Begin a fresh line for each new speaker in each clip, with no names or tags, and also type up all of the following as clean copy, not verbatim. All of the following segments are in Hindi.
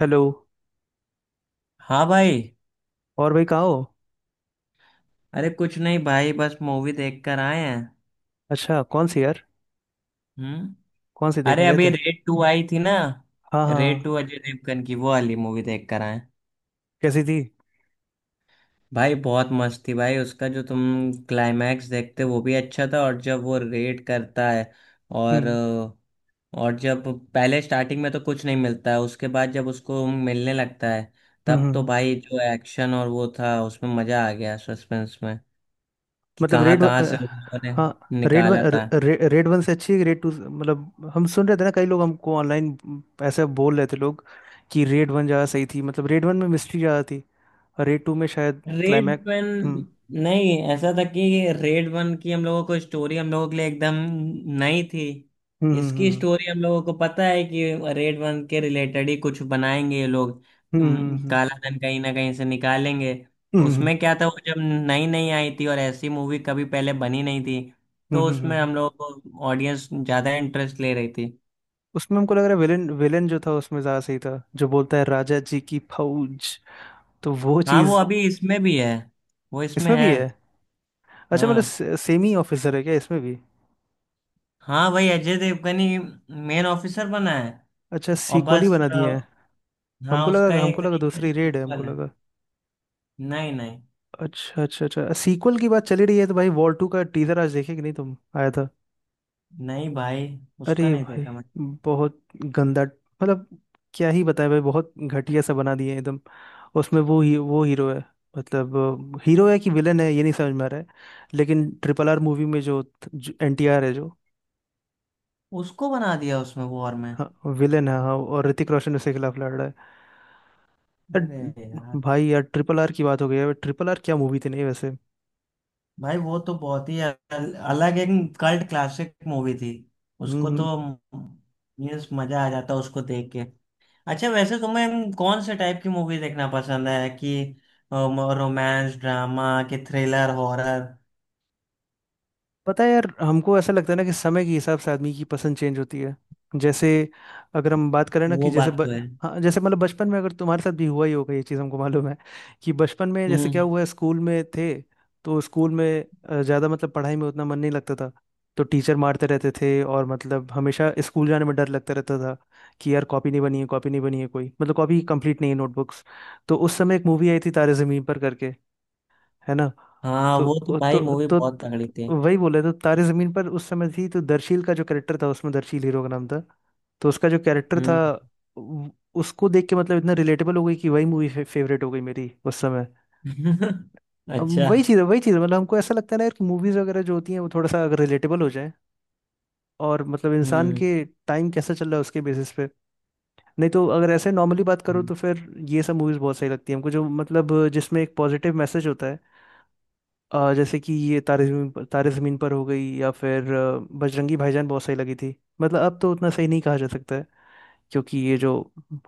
हेलो।
हाँ भाई।
और भाई कहाँ हो?
अरे कुछ नहीं भाई बस मूवी देख कर आए हैं।
अच्छा, कौन सी यार?
हम्म।
कौन सी देखने
अरे
गए
अभी
थे?
रेड टू आई थी ना।
हाँ, हाँ,
रेड
हाँ।
टू अजय देवगन की वो वाली मूवी देख कर आए।
कैसी थी?
भाई बहुत मस्त थी भाई उसका जो तुम क्लाइमैक्स देखते वो भी अच्छा था और जब वो रेड करता है और
हम्म,
और जब पहले स्टार्टिंग में तो कुछ नहीं मिलता है उसके बाद जब उसको मिलने लगता है
हम्म,
तब तो भाई जो एक्शन और वो था उसमें मजा आ गया सस्पेंस में कि
मतलब
कहाँ
रेड वन
कहाँ से उन लोगों ने
हाँ, रेड वन
निकाला था।
रेड वन से अच्छी है कि रेड टू? मतलब हम सुन रहे थे ना, कई लोग हमको ऑनलाइन ऐसे बोल रहे थे लोग कि रेड वन ज़्यादा सही थी। मतलब रेड वन में मिस्ट्री ज़्यादा थी और रेड टू में शायद
रेड
क्लाइमैक्स।
वन।
हम्म,
नहीं ऐसा था कि रेड वन की हम लोगों को स्टोरी हम लोगों के लिए एकदम नई थी।
हम्म,
इसकी
हम्म,
स्टोरी हम लोगों को पता है कि रेड वन के रिलेटेड ही कुछ बनाएंगे ये लोग।
हम्म, हम्म,
काला धन कहीं ना कहीं से निकालेंगे।
हम्म,
उसमें क्या था वो जब नई नई आई थी और ऐसी मूवी कभी पहले बनी नहीं थी
हम्म,
तो
हम्म, हम्म,
उसमें
हम्म, हम्म।
हम लोगों को ऑडियंस ज़्यादा इंटरेस्ट ले रही थी।
उसमें हमको लग रहा है विलेन विलेन जो था उसमें ज़्यादा सही था, जो बोलता है राजा जी की फौज, तो वो
हाँ वो
चीज
अभी इसमें भी है। वो इसमें
इसमें भी
है।
है। अच्छा, मतलब
हाँ।
सेम ही ऑफिसर है क्या इसमें भी?
हाँ भाई अजय देवगन ही मेन ऑफिसर बना है।
अच्छा,
और
सीक्वल ही
बस
बना दिए हैं। हमको
हाँ उसका
लगा,
एक
हमको लगा
तरीके से
दूसरी रेड है, हमको
सीक्वल है।
लगा।
नहीं नहीं।
अच्छा, अच्छा, अच्छा। सीक्वल की बात चली रही है तो भाई, वॉर टू का टीजर आज देखे कि नहीं तुम? आया था?
नहीं भाई। उसका
अरे
नहीं
भाई,
देखा मैं।
बहुत गंदा, मतलब क्या ही बताएं भाई, बहुत घटिया सा बना दिए हैं एकदम। उसमें वो ही वो हीरो है, मतलब हीरो है कि विलन है ये नहीं समझ में आ रहा है। लेकिन ट्रिपल आर मूवी में जो एन टी आर है जो,
उसको बना दिया उसमें वॉर में।
हाँ, विलन है, हाँ, और ऋतिक रोशन उसके खिलाफ लड़ रहा है।
अरे यार।
यार। भाई यार, ट्रिपल आर की बात हो गई है, ट्रिपल आर क्या मूवी थी नहीं वैसे।
भाई वो तो बहुत ही अलग एक कल्ट क्लासिक मूवी थी। उसको तो
हम्म।
मीन्स मजा आ जाता उसको देख के। अच्छा वैसे तुम्हें कौन से टाइप की मूवी देखना पसंद है कि रोमांस ड्रामा कि थ्रिलर हॉरर?
पता है यार, हमको ऐसा लगता है ना कि समय के हिसाब से आदमी की पसंद चेंज होती है। जैसे अगर हम बात करें ना कि
वो
जैसे
बात तो है।
हाँ, जैसे मतलब बचपन में अगर तुम्हारे साथ भी हुआ ही होगा ये चीज़, हमको मालूम है। कि बचपन में जैसे क्या
हम्म।
हुआ है, स्कूल में थे। तो स्कूल में ज़्यादा मतलब पढ़ाई में उतना मन नहीं लगता था। तो टीचर मारते रहते थे और मतलब हमेशा स्कूल जाने में डर लगता रहता था कि यार कॉपी नहीं बनी है, कॉपी नहीं बनी है, कोई मतलब कॉपी कंप्लीट नहीं है नोटबुक्स। तो उस समय एक मूवी आई थी तारे ज़मीन पर करके, है ना।
हाँ
तो
वो तो
वो तो
भाई मूवी
तो,
बहुत
तो,
तगड़ी थी।
तो वही बोले, तो तारे जमीन पर उस समय थी, तो दर्शील का जो कैरेक्टर था उसमें, दर्शील हीरो का नाम था। तो उसका जो कैरेक्टर था,
हम्म।
उ- उसको देख के मतलब इतना रिलेटेबल हो गई कि वही मूवी फेवरेट हो गई मेरी उस समय। अब
अच्छा।
वही चीज़ है, वही चीज़ है, मतलब हमको ऐसा लगता है ना यार कि मूवीज़ वगैरह जो होती हैं, वो थोड़ा सा अगर रिलेटेबल हो जाए, और मतलब इंसान
हम्म
के टाइम कैसा चल रहा है उसके बेसिस पे। नहीं तो अगर ऐसे नॉर्मली बात करो
हम्म।
तो फिर ये सब मूवीज़ बहुत सही लगती है हमको, जो मतलब जिसमें एक पॉजिटिव मैसेज होता है। जैसे कि ये तारे जमीन पर, तारे जमीन पर हो गई, या फिर बजरंगी भाईजान बहुत सही लगी थी। मतलब अब तो उतना सही नहीं कहा जा सकता है, क्योंकि ये जो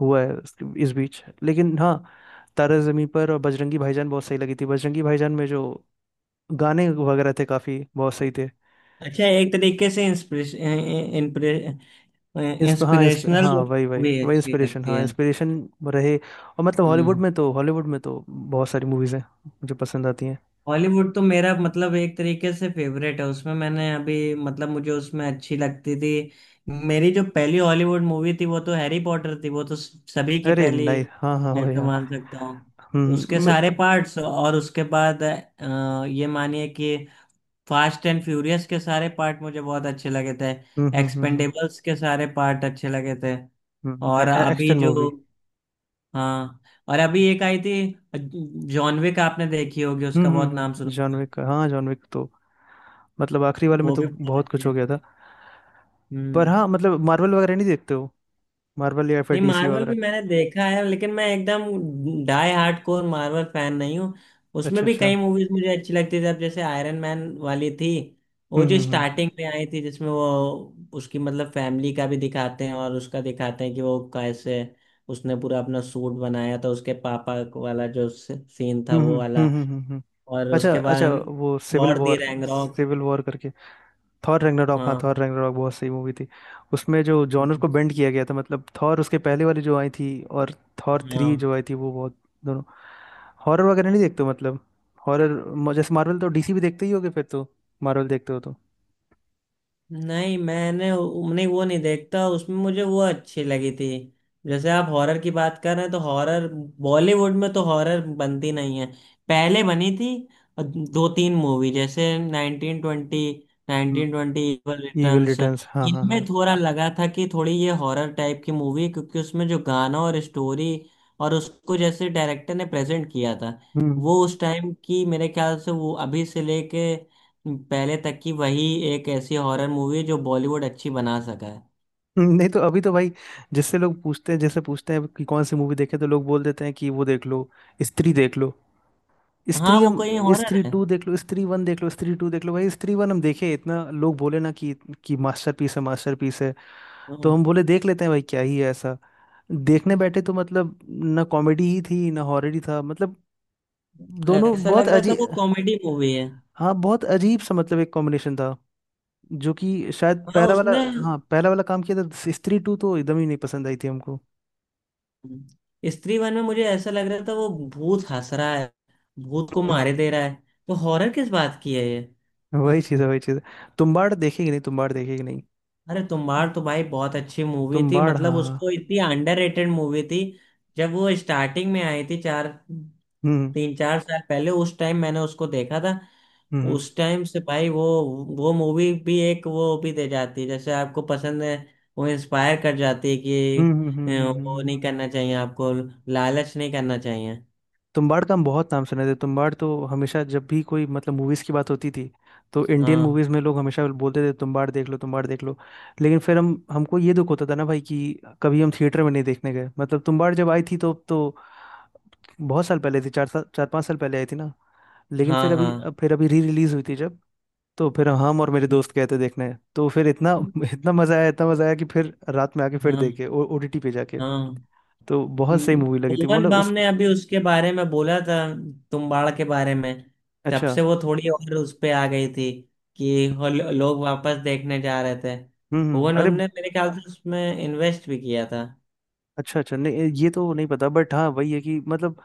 हुआ है इस बीच, लेकिन हाँ, तारे जमीन पर और बजरंगी भाईजान बहुत सही लगी थी, बजरंगी भाईजान में जो गाने वगैरह थे काफी बहुत सही थे।
अच्छा एक तरीके से
इस पे हाँ, इस पे
इंस्पिरेशनल
हाँ, वही, वही,
भी
वही,
अच्छी
इंस्पिरेशन,
लगती
हाँ
है।
इंस्पिरेशन रहे। और मतलब हॉलीवुड
हम्म।
में तो, हॉलीवुड में तो बहुत सारी मूवीज हैं जो पसंद आती हैं।
हॉलीवुड तो मेरा मतलब एक तरीके से फेवरेट है उसमें मैंने अभी मतलब मुझे उसमें अच्छी लगती थी। मेरी जो पहली हॉलीवुड मूवी थी वो तो हैरी पॉटर थी वो तो सभी की
अरे
पहली।
नहीं, हाँ, हाँ
मैं
भाई,
तो
हाँ।
मान सकता हूँ। उसके
हम्म।
सारे पार्ट्स और उसके बाद ये मानिए कि फास्ट एंड फ्यूरियस के सारे पार्ट मुझे बहुत अच्छे लगे थे।
हम्म, हम्म, हम्म,
एक्सपेंडेबल्स के सारे पार्ट अच्छे लगे थे।
हम्म।
और अभी
एक्शन
जो।
मूवी।
हाँ। और अभी एक आई थी जॉन विक आपने देखी होगी
हम्म,
उसका
हम्म,
बहुत नाम
हम्म।
सुना
जॉन
होगा।
विक का हाँ, जॉन विक तो मतलब आखिरी वाले में
वो
तो
भी बहुत
बहुत
अच्छी
कुछ हो
है।
गया था। पर
हम्म।
हाँ, मतलब मार्वल वगैरह नहीं देखते हो? मार्वल या फिर
नहीं
डीसी
मार्वल भी
वगैरह?
मैंने देखा है लेकिन मैं एकदम डाई हार्डकोर मार्वल फैन नहीं हूँ। उसमें
अच्छा,
भी
अच्छा।
कई मूवीज मुझे अच्छी लगती थी अब जैसे आयरन मैन वाली थी। वो जो
हम्म, हम्म,
स्टार्टिंग में आई थी जिसमें वो उसकी मतलब फैमिली का भी दिखाते हैं और उसका दिखाते हैं कि वो कैसे उसने पूरा अपना सूट बनाया था उसके पापा वाला जो सीन था
हम्म, हम्म,
वो
हम्म,
वाला।
हम्म,
और
अच्छा,
उसके
अच्छा,
बाद
वो Civil
Thor the
War,
Ragnarok.
Civil War करके। थॉर रैग्नारॉक, हाँ,
हाँ।
थॉर रैग्नारॉक बहुत सही मूवी थी। उसमें जो जॉनर को बेंड किया गया था मतलब, थॉर उसके पहले वाली जो आई थी, और थॉर थ्री
हाँ।
जो आई थी वो बहुत, दोनों। हॉरर वगैरह नहीं देखते हो मतलब? हॉरर जैसे, मार्वल तो डीसी भी देखते ही होगे फिर तो, मार्वल देखते हो तो।
नहीं मैंने नहीं वो नहीं देखता उसमें मुझे वो अच्छी लगी थी। जैसे आप हॉरर की बात कर रहे हैं तो हॉरर बॉलीवुड में तो हॉरर बनती नहीं है पहले बनी थी दो तीन मूवी जैसे 1920, 1920 इवल
इविल
रिटर्न्स,
रिटर्न्स, हाँ, हाँ, हाँ।
इनमें थोड़ा लगा था कि थोड़ी ये हॉरर टाइप की मूवी है, क्योंकि उसमें जो गाना और स्टोरी और उसको जैसे डायरेक्टर ने प्रेजेंट किया था
हम्म।
वो उस टाइम की मेरे ख्याल से वो अभी से लेके पहले तक की वही एक ऐसी हॉरर मूवी जो बॉलीवुड अच्छी बना सका है।
नहीं तो अभी तो भाई, जिससे लोग पूछते हैं, जैसे पूछते हैं कि कौन सी मूवी देखे, तो लोग बोल देते हैं कि वो देख लो, स्त्री देख लो,
हाँ
स्त्री
वो
हम,
कोई हॉरर
स्त्री
है।
टू देख लो, स्त्री वन देख लो, स्त्री टू देख लो भाई। स्त्री वन हम देखे, इतना लोग बोले ना कि मास्टरपीस है, मास्टरपीस है। तो हम
हाँ।
बोले देख लेते हैं भाई, क्या ही है ऐसा। देखने बैठे तो मतलब, ना कॉमेडी ही थी, ना हॉरर ही था मतलब, दोनों
ऐसा
बहुत
लग रहा था वो
अजीब।
कॉमेडी मूवी है।
हाँ, बहुत अजीब सा मतलब, एक कॉम्बिनेशन था जो कि शायद
हाँ
पहला वाला,
उसने।
हाँ पहला वाला काम किया था। स्त्री टू तो एकदम ही नहीं पसंद आई थी हमको।
स्त्री वन में मुझे ऐसा लग रहा था वो भूत हंस रहा है भूत को
हम्म।
मारे दे रहा है। तो हॉरर किस बात की है ये?
वही चीज़ है, वही चीज़ है। तुम्बाड़ देखेगी नहीं, तुम्बाड़ देखेगी नहीं?
अरे तुम्बाड़ तो भाई बहुत अच्छी मूवी थी
तुम्बाड़,
मतलब
हाँ, हाँ।
उसको इतनी अंडररेटेड मूवी थी। जब वो स्टार्टिंग में आई थी चार
हम्म,
3-4 साल पहले उस टाइम मैंने उसको देखा था।
हम्म,
उस टाइम से भाई वो मूवी भी एक वो भी दे जाती है जैसे आपको पसंद है। वो इंस्पायर कर जाती है
हम्म,
कि
हम्म, हम्म, हम्म,
वो नहीं करना चाहिए आपको लालच नहीं करना चाहिए।
तुम्बाड़ का हम बहुत नाम सुने थे, तुम्बाड़ तो हमेशा जब भी कोई मतलब मूवीज की बात होती थी, तो इंडियन
हाँ
मूवीज में लोग हमेशा बोलते थे तुम्बाड़ देख लो, तुम्बाड़ देख लो। लेकिन फिर हम हमको ये दुख होता था ना भाई कि कभी हम थिएटर में नहीं देखने गए, मतलब तुम्बाड़ जब आई थी तो, बहुत साल पहले थी, चार साल, चार पाँच साल पहले आई थी ना। लेकिन
हाँ
फिर अभी,
हाँ
अब फिर अभी री रिलीज हुई थी जब, तो फिर हम और मेरे दोस्त गए थे देखने, तो फिर इतना इतना मजा आया, इतना मजा आया कि फिर रात में आके फिर
हाँ
देखे ओटीटी पे जाके।
हाँ।
तो बहुत सही
हम्म,
मूवी लगी थी
भुवन
मतलब।
बाम ने अभी उसके बारे में बोला था तुम्बाड़ के बारे में। तब
अच्छा।
से वो थोड़ी और उस पे आ गई थी कि वो लोग वापस देखने जा रहे थे।
हम्म,
भुवन
अरे।
बाम ने मेरे ख्याल से उसमें इन्वेस्ट भी किया था।
अच्छा, अच्छा, नहीं ये तो नहीं पता, बट हाँ वही है कि मतलब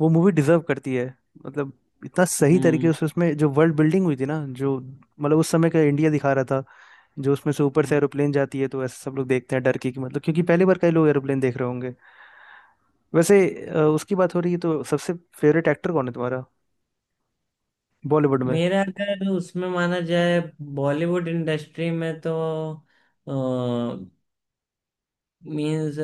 वो मूवी डिजर्व करती है। मतलब, इतना सही
हम्म
तरीके से उसमें जो वर्ल्ड बिल्डिंग हुई थी ना, जो मतलब उस समय का इंडिया दिखा रहा था, जो उसमें से ऊपर से
हम्म।
एरोप्लेन जाती है तो ऐसे सब लोग देखते हैं डर के, कि मतलब क्योंकि पहली बार कई लोग एरोप्लेन देख रहे होंगे। वैसे, उसकी बात हो रही है तो सबसे फेवरेट एक्टर कौन है तुम्हारा बॉलीवुड में?
मेरा अगर उसमें माना जाए बॉलीवुड इंडस्ट्री में तो मीन्स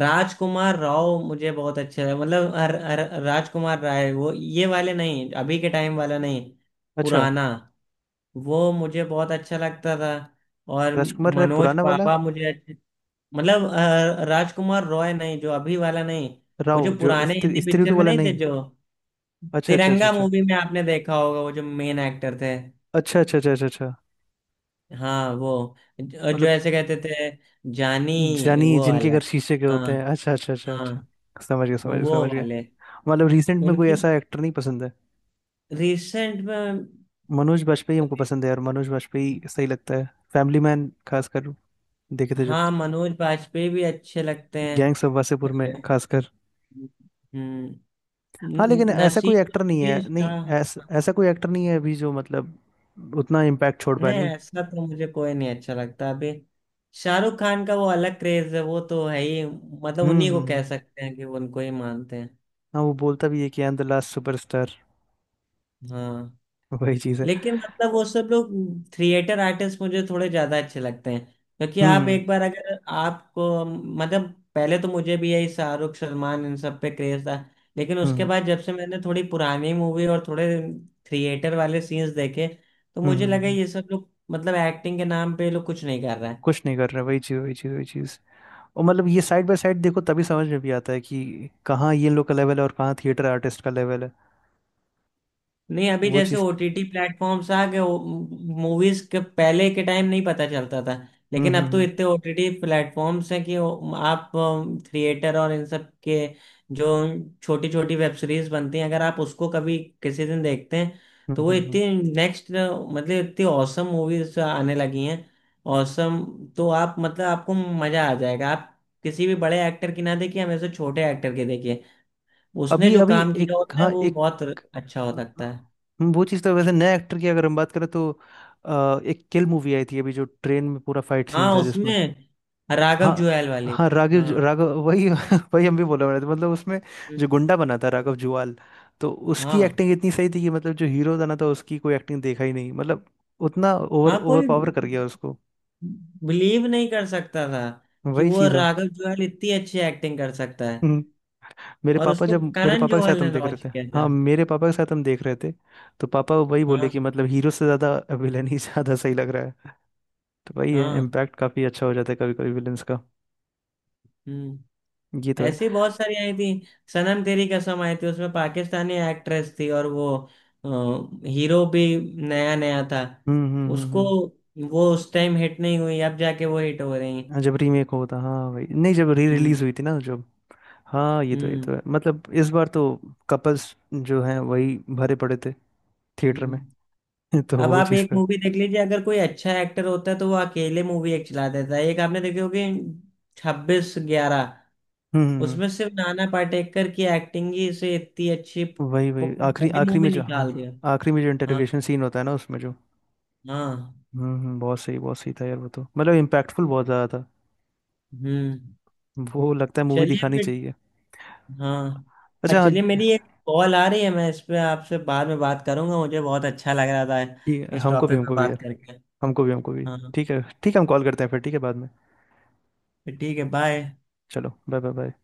राजकुमार राव मुझे बहुत अच्छा है मतलब अर, अर, राजकुमार राय वो ये वाले नहीं अभी के टाइम वाला नहीं
अच्छा,
पुराना। वो मुझे बहुत अच्छा लगता था और
राजकुमार राय
मनोज
पुराना वाला?
बाबा मुझे अच्छे। मतलब राजकुमार रॉय नहीं जो अभी वाला नहीं। वो
राव
जो
जो
पुराने
स्त्री,
हिंदी
स्त्री
पिक्चर
टू
में
वाला
नहीं थे
नहीं?
जो
अच्छा, अच्छा, अच्छा,
तिरंगा
अच्छा,
मूवी में आपने देखा होगा वो जो मेन एक्टर थे।
अच्छा, अच्छा, अच्छा, अच्छा, अच्छा।
हाँ वो जो
मतलब
ऐसे कहते थे जानी
जानी
वो
जिनके
वाला
घर
है।
शीशे के होते हैं,
हाँ।
अच्छा, अच्छा, अच्छा,
हाँ।
अच्छा। समझ गया, समझ गया,
वो
समझ गया।
वाले।
मतलब रिसेंट में कोई
उनकी।
ऐसा एक्टर नहीं पसंद है?
रिसेंट में।
मनोज बाजपेयी हमको पसंद है यार, मनोज बाजपेयी सही लगता है। फैमिली मैन खासकर देखे थे जब
हाँ
तो।
मनोज बाजपेयी भी अच्छे लगते हैं।
गैंग ऑफ वासेपुर में खासकर।
हम्म।
हाँ, लेकिन
नसीब
ऐसा कोई
नसीब
एक्टर नहीं
उद्दीन
है, नहीं,
शाह।
ऐसा कोई एक्टर नहीं है अभी जो मतलब उतना इम्पैक्ट छोड़ पाया
नहीं
नहीं।
ऐसा तो मुझे कोई नहीं अच्छा लगता अभी। शाहरुख खान का वो अलग क्रेज है वो तो है ही मतलब
हम्म,
उन्हीं को
हम्म,
कह सकते हैं कि वो उनको ही मानते हैं।
हाँ, वो बोलता भी है कि I am the last superstar.
हाँ
वही चीज़ है।
लेकिन मतलब वो सब लोग थिएटर आर्टिस्ट मुझे थोड़े ज्यादा अच्छे लगते हैं। क्योंकि आप
हम्म,
एक बार अगर आपको मतलब पहले तो मुझे भी यही शाहरुख सलमान इन सब पे क्रेज था। लेकिन
हम्म,
उसके
हम्म,
बाद जब से मैंने थोड़ी पुरानी मूवी और थोड़े थिएटर वाले सीन्स देखे तो
हम्म, हम्म,
मुझे
हम्म,
लगा
हम्म।
ये सब लोग मतलब एक्टिंग के नाम पे ये लोग कुछ नहीं कर रहा है।
कुछ नहीं कर रहा, वही चीज़, वही चीज़, वही चीज़। और मतलब ये साइड बाय साइड देखो तभी समझ में भी आता है कि कहाँ ये लोग का लेवल है और कहाँ थिएटर आर्टिस्ट का लेवल है।
नहीं अभी
वो
जैसे
चीज़।
ओटीटी प्लेटफॉर्म्स आ गए मूवीज के पहले के टाइम नहीं पता चलता था।
हम्म,
लेकिन
हम्म,
अब तो
हम्म,
इतने ओटीटी प्लेटफॉर्म्स हैं कि आप थिएटर और इन सब के जो छोटी छोटी वेब सीरीज बनती हैं अगर आप उसको कभी किसी दिन देखते हैं
हम्म,
तो वो इतनी नेक्स्ट मतलब इतनी औसम मूवीज आने लगी हैं। औसम। तो आप मतलब आपको मजा आ जाएगा आप किसी भी बड़े एक्टर की ना देखिए हमेशा छोटे एक्टर की देखिए। उसने
अभी
जो
अभी
काम किया
एक,
होता है
हाँ,
वो
एक।
बहुत अच्छा हो सकता है।
वो चीज़ तो वैसे नए एक्टर की अगर हम बात करें तो, एक किल मूवी आई थी अभी, जो ट्रेन में पूरा फाइट सीन
हाँ
था जिसमें,
उसमें राघव
हाँ,
जुएल वाली।
हाँ राघव
हाँ।
राघव, वही वही हम भी बोला रहे थे मतलब उसमें, जो
हम्म।
गुंडा बना था राघव जुवाल। तो उसकी
हाँ।
एक्टिंग इतनी सही थी कि मतलब, जो हीरो बना था उसकी कोई एक्टिंग देखा ही नहीं मतलब, उतना ओवर
हाँ
ओवर
कोई
पावर कर गया उसको।
बिलीव नहीं कर सकता था कि
वही
वो
चीज़ अब।
राघव जुएल इतनी अच्छी एक्टिंग कर सकता है।
हम्म। मेरे
और
पापा,
उसको
जब मेरे
करण
पापा के
जौहर
साथ
ने
हम देख रहे
लॉन्च
थे,
किया
हाँ
था।
मेरे पापा के साथ हम देख रहे थे, तो पापा वही बोले
हाँ।
कि मतलब हीरो से ज़्यादा विलन ही ज़्यादा सही लग रहा है। तो वही है,
हाँ।
इम्पैक्ट काफ़ी अच्छा हो जाता है कभी कभी विलन्स का।
हम्म।
ये तो है।
ऐसी बहुत सारी आई थी सनम तेरी कसम आई थी उसमें पाकिस्तानी एक्ट्रेस थी और वो हीरो भी नया नया था।
हम्म, हम्म, हम्म,
उसको वो उस टाइम हिट नहीं हुई अब जाके वो हिट हो रही हैं।
हाँ, जब रीमेक होता, हाँ वही, नहीं जब री
हम्म
रिलीज हुई थी ना जब, हाँ ये तो ये
हम्म
तो है मतलब इस बार तो कपल्स जो हैं वही भरे पड़े थे थिएटर में।
हम्म।
तो
अब
वो
आप
चीज़
एक
तो है।
मूवी देख लीजिए अगर कोई अच्छा एक्टर होता है तो वो अकेले मूवी एक चला देता है एक आपने देखी होगी 26/11।
हम्म,
उसमें सिर्फ नाना पाटेकर की एक्टिंग ही से इतनी अच्छी
वही वही, आखिरी,
पूरी
आखिरी
मूवी
में जो, हाँ,
निकाल दिया।
आखिरी में जो
हाँ।
इंटरोगेशन सीन होता है ना उसमें जो,
हाँ।
हम्म, बहुत सही, बहुत सही था यार वो तो, मतलब इम्पैक्टफुल बहुत ज़्यादा था।
हम्म।
वो लगता है मूवी
चलिए
दिखानी
फिर।
चाहिए।
हाँ।
अच्छा, हाँ।
चलिए मेरी एक कॉल आ रही है मैं इस पे आपसे बाद में बात करूंगा मुझे बहुत अच्छा लग रहा
ठीक
था
है,
इस
हमको भी,
टॉपिक पे
हमको भी
बात
यार,
करके।
हमको भी, हमको भी।
हाँ।
ठीक है, ठीक है, हम कॉल करते हैं फिर, ठीक है बाद में।
फिर ठीक है बाय।
चलो, बाय, बाय, बाय।